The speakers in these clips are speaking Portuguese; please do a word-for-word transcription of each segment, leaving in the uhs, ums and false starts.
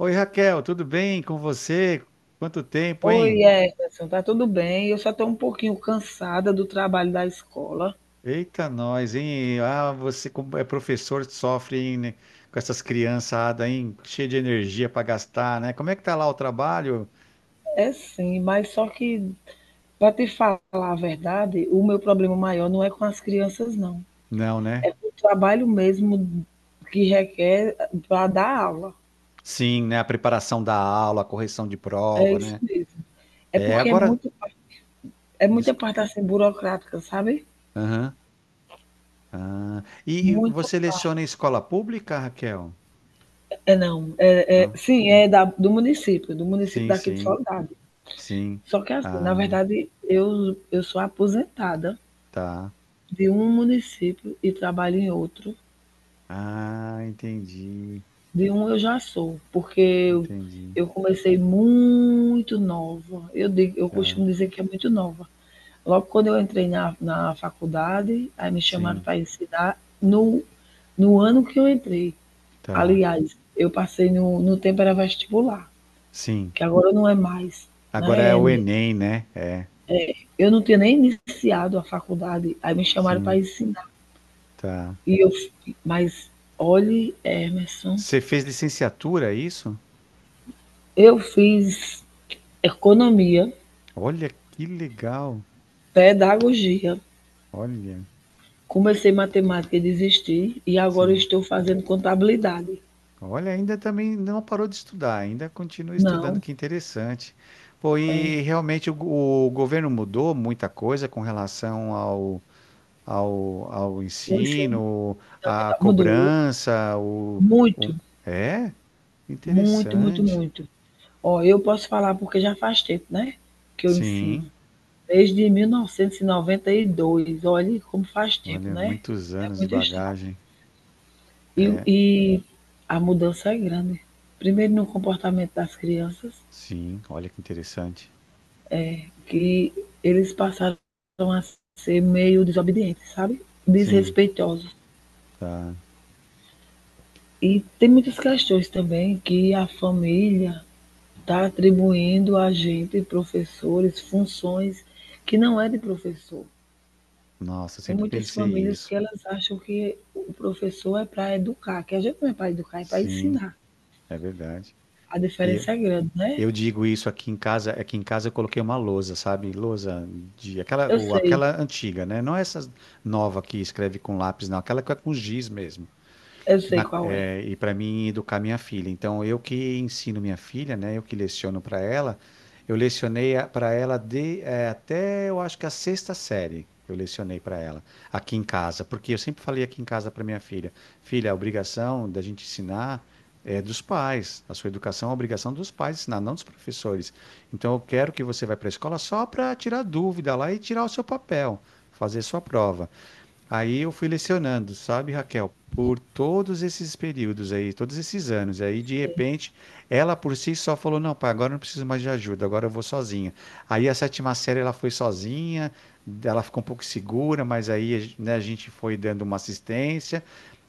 Oi, Raquel, tudo bem com você? Quanto tempo, Oi, hein? Emerson, tá tudo bem? Eu só estou um pouquinho cansada do trabalho da escola. Eita, nós, hein? Ah, você como é professor, sofre, hein, né, com essas criançadas, hein? Cheia de energia para gastar, né? Como é que tá lá o trabalho? É sim, mas só que, para te falar a verdade, o meu problema maior não é com as crianças, não. Não, É né? com o trabalho mesmo que requer para dar aula. Sim, né? A preparação da aula, a correção de É prova, isso né? mesmo. É É, porque é agora. muito, é muita Desculpa. parte assim burocrática, sabe? Aham. Ah. E Muita. você leciona em escola pública, Raquel? É não, é, é Não. sim, é da, do município, do município Sim, daqui de sim, Soledade. sim. Só que assim, na Ah, verdade, eu, eu sou aposentada. tá. De um município e trabalho em outro. Ah, entendi, De um eu já sou, porque eu, entendi. eu comecei muito nova. Eu, digo, eu Tá, costumo dizer que é muito nova. Logo quando eu entrei na, na faculdade, aí me chamaram sim, para ensinar no, no ano que eu entrei. tá, Aliás, eu passei no, no tempo era vestibular, sim. que agora não é mais, Agora né? é o É, Enem, né? É, eu não tinha nem iniciado a faculdade, aí me chamaram para sim, ensinar. tá. E eu, mas olhe, Emerson, Você fez licenciatura, é isso? eu fiz economia, Olha que legal. pedagogia, Olha, comecei matemática e desisti, e agora sim. estou fazendo contabilidade. Olha, ainda também não parou de estudar, ainda continua estudando, Não, que interessante. Pô, é, e realmente o, go- o governo mudou muita coisa com relação ao, ao, ao o ensino ensino, à fundamental mudou cobrança, o, o... muito, É, muito, muito, interessante. muito. Ó, eu posso falar porque já faz tempo, né, que eu Sim. ensino. Desde mil novecentos e noventa e dois, olhe como faz tempo, Olha, né? muitos É anos de muito estranho. bagagem. E, É, e a mudança é grande. Primeiro no comportamento das crianças, sim, olha que interessante. que eles passaram a ser meio desobedientes, sabe? Sim, Desrespeitosos. tá. E tem muitas questões também que a família está atribuindo a gente, professores, funções que não é de professor. Nossa, Tem sempre muitas pensei famílias isso. que elas acham que o professor é para educar, que a gente não é para educar, é para Sim, ensinar. é verdade. A E diferença é grande, né? eu digo isso aqui em casa, aqui em casa eu coloquei uma lousa, sabe? Lousa de aquela Eu ou sei, aquela antiga, né? Não essa nova que escreve com lápis, não, aquela que é com giz mesmo. eu sei na- qual é. É, e para mim educar minha filha. Então, eu que ensino minha filha, né? Eu que leciono para ela. Eu lecionei para ela de, é, até eu acho que a sexta série. Eu lecionei para ela aqui em casa, porque eu sempre falei aqui em casa para minha filha: filha, a obrigação da gente ensinar é dos pais. A sua educação é a obrigação dos pais ensinar, não dos professores. Então eu quero que você vá para a escola só para tirar dúvida lá e tirar o seu papel, fazer sua prova. Aí eu fui lecionando, sabe, Raquel, por todos esses períodos aí, todos esses anos. Aí, de repente, ela por si só falou: não, pai, agora eu não preciso mais de ajuda, agora eu vou sozinha. Aí, a sétima série, ela foi sozinha, ela ficou um pouco segura, mas aí, né, a gente foi dando uma assistência.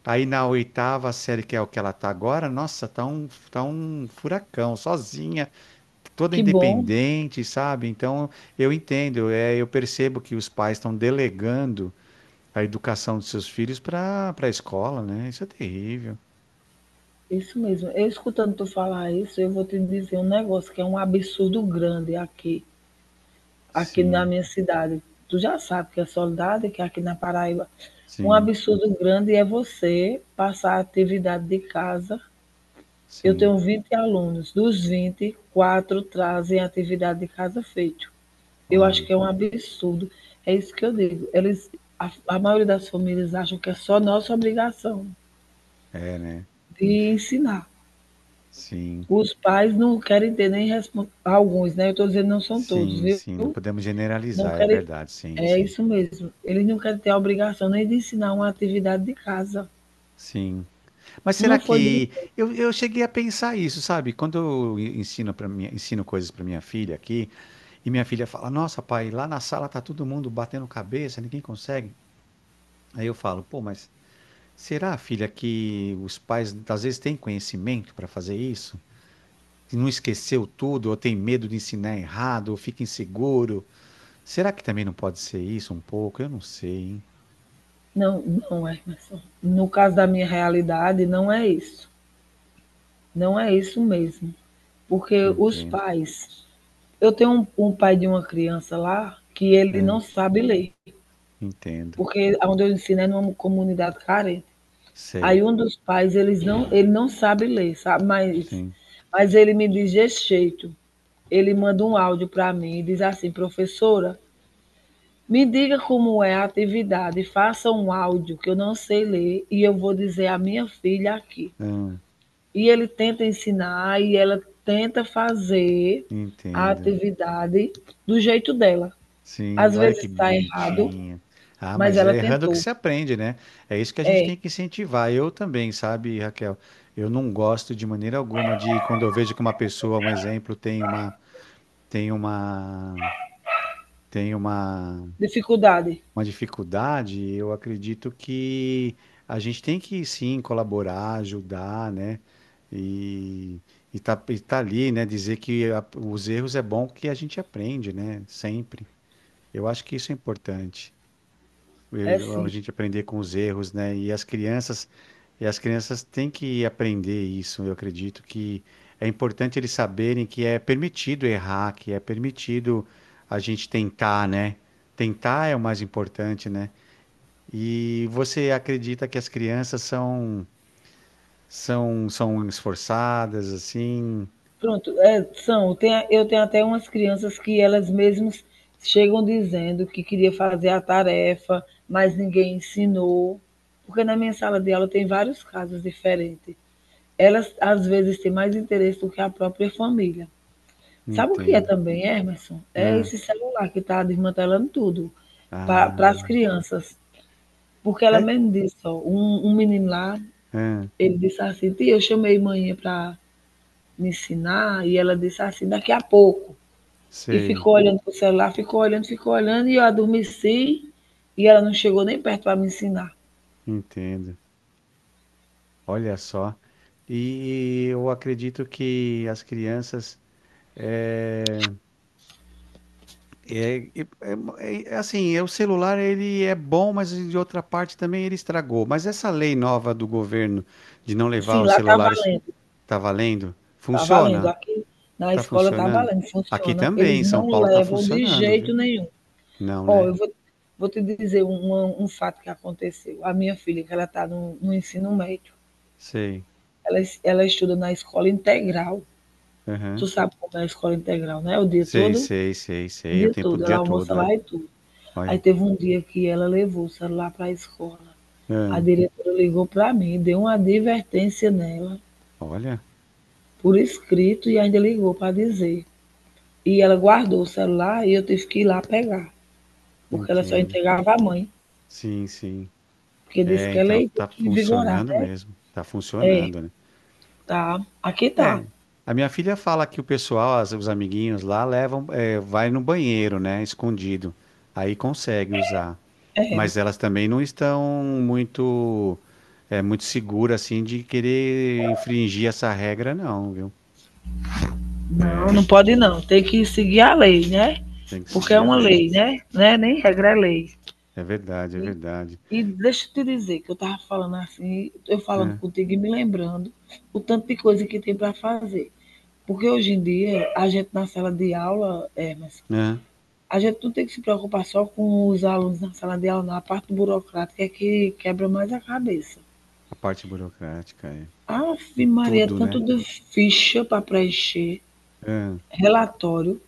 Aí, na oitava série, que é o que ela tá agora, nossa, tá um, tá um furacão, sozinha, toda Que bom. independente, sabe? Então, eu entendo, é, eu percebo que os pais estão delegando a educação dos seus filhos para para a escola, né? Isso é terrível. Isso mesmo. Eu escutando tu falar isso, eu vou te dizer um negócio que é um absurdo grande aqui, aqui na Sim, minha cidade. Tu já sabe que é Soledade, que é aqui na Paraíba. Um sim, absurdo grande é você passar a atividade de casa. Eu sim. tenho vinte alunos, dos vinte, quatro trazem atividade de casa feito. Eu acho Olha, que é um absurdo. É isso que eu digo. Eles, a, a maioria das famílias acham que é só nossa obrigação é, né? de ensinar. Sim, Os pais não querem ter nem respon- alguns, né? Eu estou dizendo não são todos, sim, viu? sim. Não podemos Não generalizar, é querem, verdade, sim, é sim. isso mesmo. Eles não querem ter a obrigação nem de ensinar uma atividade de casa. Sim. Mas será Uma folhinha, que eu, eu cheguei a pensar isso, sabe? Quando eu ensino para minha, ensino coisas para minha filha aqui, e minha filha fala: "Nossa, pai, lá na sala tá todo mundo batendo cabeça, ninguém consegue". Aí eu falo: "Pô, mas será, filha, que os pais às vezes têm conhecimento para fazer isso?" Que não esqueceu tudo, ou tem medo de ensinar errado, ou fica inseguro. Será que também não pode ser isso um pouco? Eu não sei, hein? não, não, é, Emerson. No caso da minha realidade, não é isso. Não é isso mesmo. Porque os Entendo. pais, eu tenho um, um pai de uma criança lá que ele É, não sabe ler, entendo. porque onde eu ensino é numa comunidade carente. Sei. Aí um dos pais, eles não, ele não sabe ler, sabe? Mas, Sim. mas ele me diz desse jeito. Ele manda um áudio para mim e diz assim, professora, me diga como é a atividade, faça um áudio que eu não sei ler e eu vou dizer à minha filha aqui. Ah, E ele tenta ensinar e ela tenta fazer a entendo. atividade do jeito dela. Sim, Às olha vezes que está errado, bonitinho. Ah, mas mas ela é errando que tentou. se aprende, né? É isso que a gente É, tem que incentivar. Eu também, sabe, Raquel? Eu não gosto de maneira alguma de quando eu vejo que uma pessoa, um exemplo, tem uma, tem uma, tem uma dificuldade. uma dificuldade, eu acredito que a gente tem que sim colaborar, ajudar, né? E, e, tá, e tá ali, né? Dizer que a- os erros é bom que a gente aprende, né? Sempre. Eu acho que isso é importante. É eu- A sim. gente aprender com os erros, né? E as crianças, e as crianças têm que aprender isso. Eu acredito que é importante eles saberem que é permitido errar, que é permitido a gente tentar, né? Tentar é o mais importante, né? E você acredita que as crianças são são são esforçadas assim? Pronto, é, são, tem, a- eu tenho até umas crianças que elas mesmas chegam dizendo que queria fazer a tarefa, mas ninguém ensinou, porque na minha sala de aula tem vários casos diferentes. Elas, às vezes, têm mais interesse do que a própria família. Sabe o que é Entendo. também, Emerson? É Hã. esse celular que está desmantelando tudo para as Ah, crianças. Porque ela é. mesmo disse, ó, um, um menino lá, Ah, ele disse assim, tia, eu chamei manhã para me ensinar, e ela disse assim, daqui a pouco. E sei, ficou olhando pro celular, ficou olhando, ficou olhando, e eu adormeci, e ela não chegou nem perto para me ensinar. entendo. Olha só. E eu acredito que as crianças é, é, é- é- é assim, é, o celular ele é bom, mas de outra parte também ele estragou. Mas essa lei nova do governo de não levar Sim, os lá tá celulares valendo, tá valendo? tá valendo. Funciona? Aqui na Tá escola tá funcionando? valendo, Aqui funciona. também, Eles em São não Paulo tá levam de funcionando, viu? jeito nenhum. Não, Ó, né? eu vou, vou te dizer um, um fato que aconteceu. A minha filha, que ela tá no, no ensino médio, Sei. ela, ela estuda na escola integral. Tu Aham. sabe como é a escola integral, né? O dia Sei, todo, sei, sei, o sei. Eu dia tempo o todo. Ela dia almoça todo, é. lá e tudo. Aí Olha. teve um dia que ela levou o celular para a escola. A Ah, diretora ligou para mim, deu uma advertência nela, olha, por escrito, e ainda ligou para dizer. E ela guardou o celular e eu tive que ir lá pegar, porque ela só entendo. entregava à mãe, Sim, sim. porque disse É, que ela então, ia ter tá que vigorar, funcionando né? mesmo. Tá É, funcionando, né? tá. Aqui tá. É. A minha filha fala que o pessoal, as- os amiguinhos lá, levam, é, vai no banheiro, né? Escondido. Aí consegue usar. É, Mas elas também não estão muito, é, muito seguras assim de querer infringir essa regra, não, viu? não, É, não pode não. Tem que seguir a lei, né? tem que Porque é seguir a uma lei. lei, né? Não é nem regra, é lei. É verdade, é E, verdade. e deixa eu te dizer que eu tava falando assim, eu falando É, contigo e me lembrando o tanto de coisa que tem para fazer. Porque hoje em dia, a gente na sala de aula, é, mas é. a gente não tem que se preocupar só com os alunos na sala de aula, na parte burocrática é que quebra mais a cabeça. A parte burocrática é Ave Maria, tudo, tanto né? de ficha para preencher, É. relatório,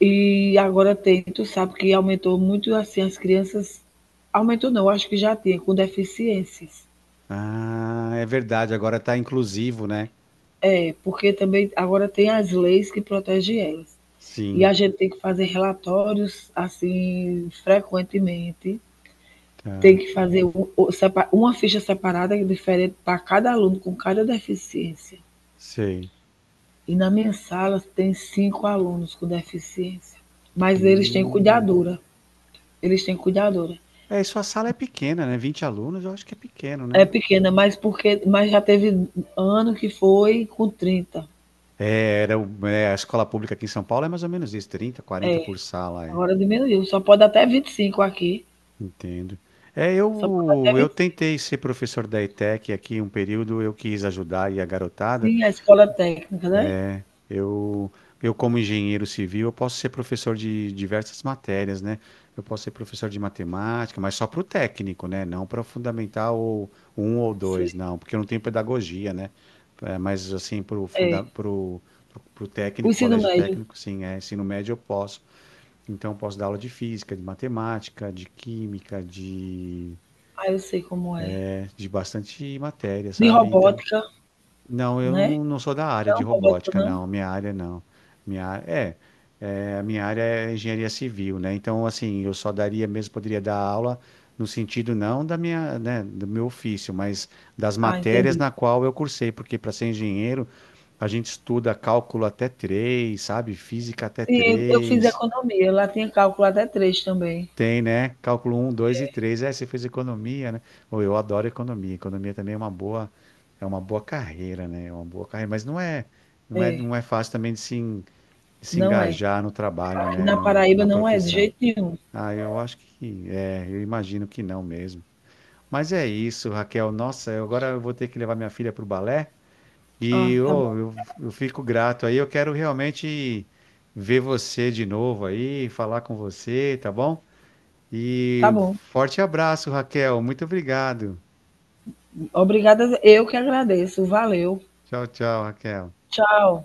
e agora tem, tu sabe que aumentou muito assim as crianças. Aumentou não, acho que já tinha, com deficiências. Ah, é verdade. Agora tá inclusivo, né? É, porque também agora tem as leis que protegem elas. E a Sim, gente tem que fazer relatórios assim frequentemente tem tá. que fazer um- uma ficha separada diferente para cada aluno com cada deficiência. Sei. E na minha sala tem cinco alunos com deficiência, mas eles têm Hum. cuidadora. Eles têm cuidadora. É, e sua sala é pequena, né? Vinte alunos, eu acho que é pequeno, É né? pequena, mas porque mas já teve ano que foi com trinta. É, era, o- é, a escola pública aqui em São Paulo é mais ou menos isso, trinta, quarenta por sala. É. Agora diminuiu, só pode até vinte e cinco aqui. Entendo. É, Só pode até eu, eu vinte e cinco tentei ser professor da ETEC aqui um período, eu quis ajudar aí a garotada. sim, a escola técnica, né? Eu, eu como engenheiro civil, eu posso ser professor de diversas matérias, né? Eu posso ser professor de matemática, mas só para o técnico, né? Não para o fundamental ou um ou dois, não, porque eu não tenho pedagogia, né? É, mas assim, para o É. funda pro, pro, pro O técnico, ensino colégio médio, técnico, sim, é, ensino médio eu posso. Então, eu posso dar aula de física, de matemática, de química, de ah, eu sei como é. de bastante matéria, De sabe? Então, robótica, não, eu né? não, não sou da área de Não, robótica robótica, não? não. Minha área não. Minha, á- é, é, a minha área é engenharia civil, né? Então, assim, eu só daria mesmo, poderia dar aula no sentido não da minha, né, do meu ofício, mas das Ah, matérias entendi. na qual eu cursei, porque para ser engenheiro, a gente estuda cálculo até três, sabe? Física até Sim, eu fiz três. economia. Lá tinha cálculo até três também. Tem, né? Cálculo um, dois e três. É, você fez economia, né? Ou eu adoro economia. Economia também é uma boa, é uma boa carreira, né? É uma boa carreira, mas não é, não é, É, não é fácil também de se, en- de se não é. engajar no trabalho, Aqui né? na No- Paraíba Na não é de profissão. jeito nenhum. Ah, eu acho que é, eu imagino que não mesmo. Mas é isso, Raquel. Nossa, eu- agora eu vou ter que levar minha filha para o balé. Ah, e tá ô, bom. eu, eu fico grato aí. Eu quero realmente ver você de novo aí, falar com você, tá bom? Tá E bom. forte abraço, Raquel. Muito obrigado. Obrigada. Eu que agradeço. Valeu. Tchau, tchau, Raquel. Tchau.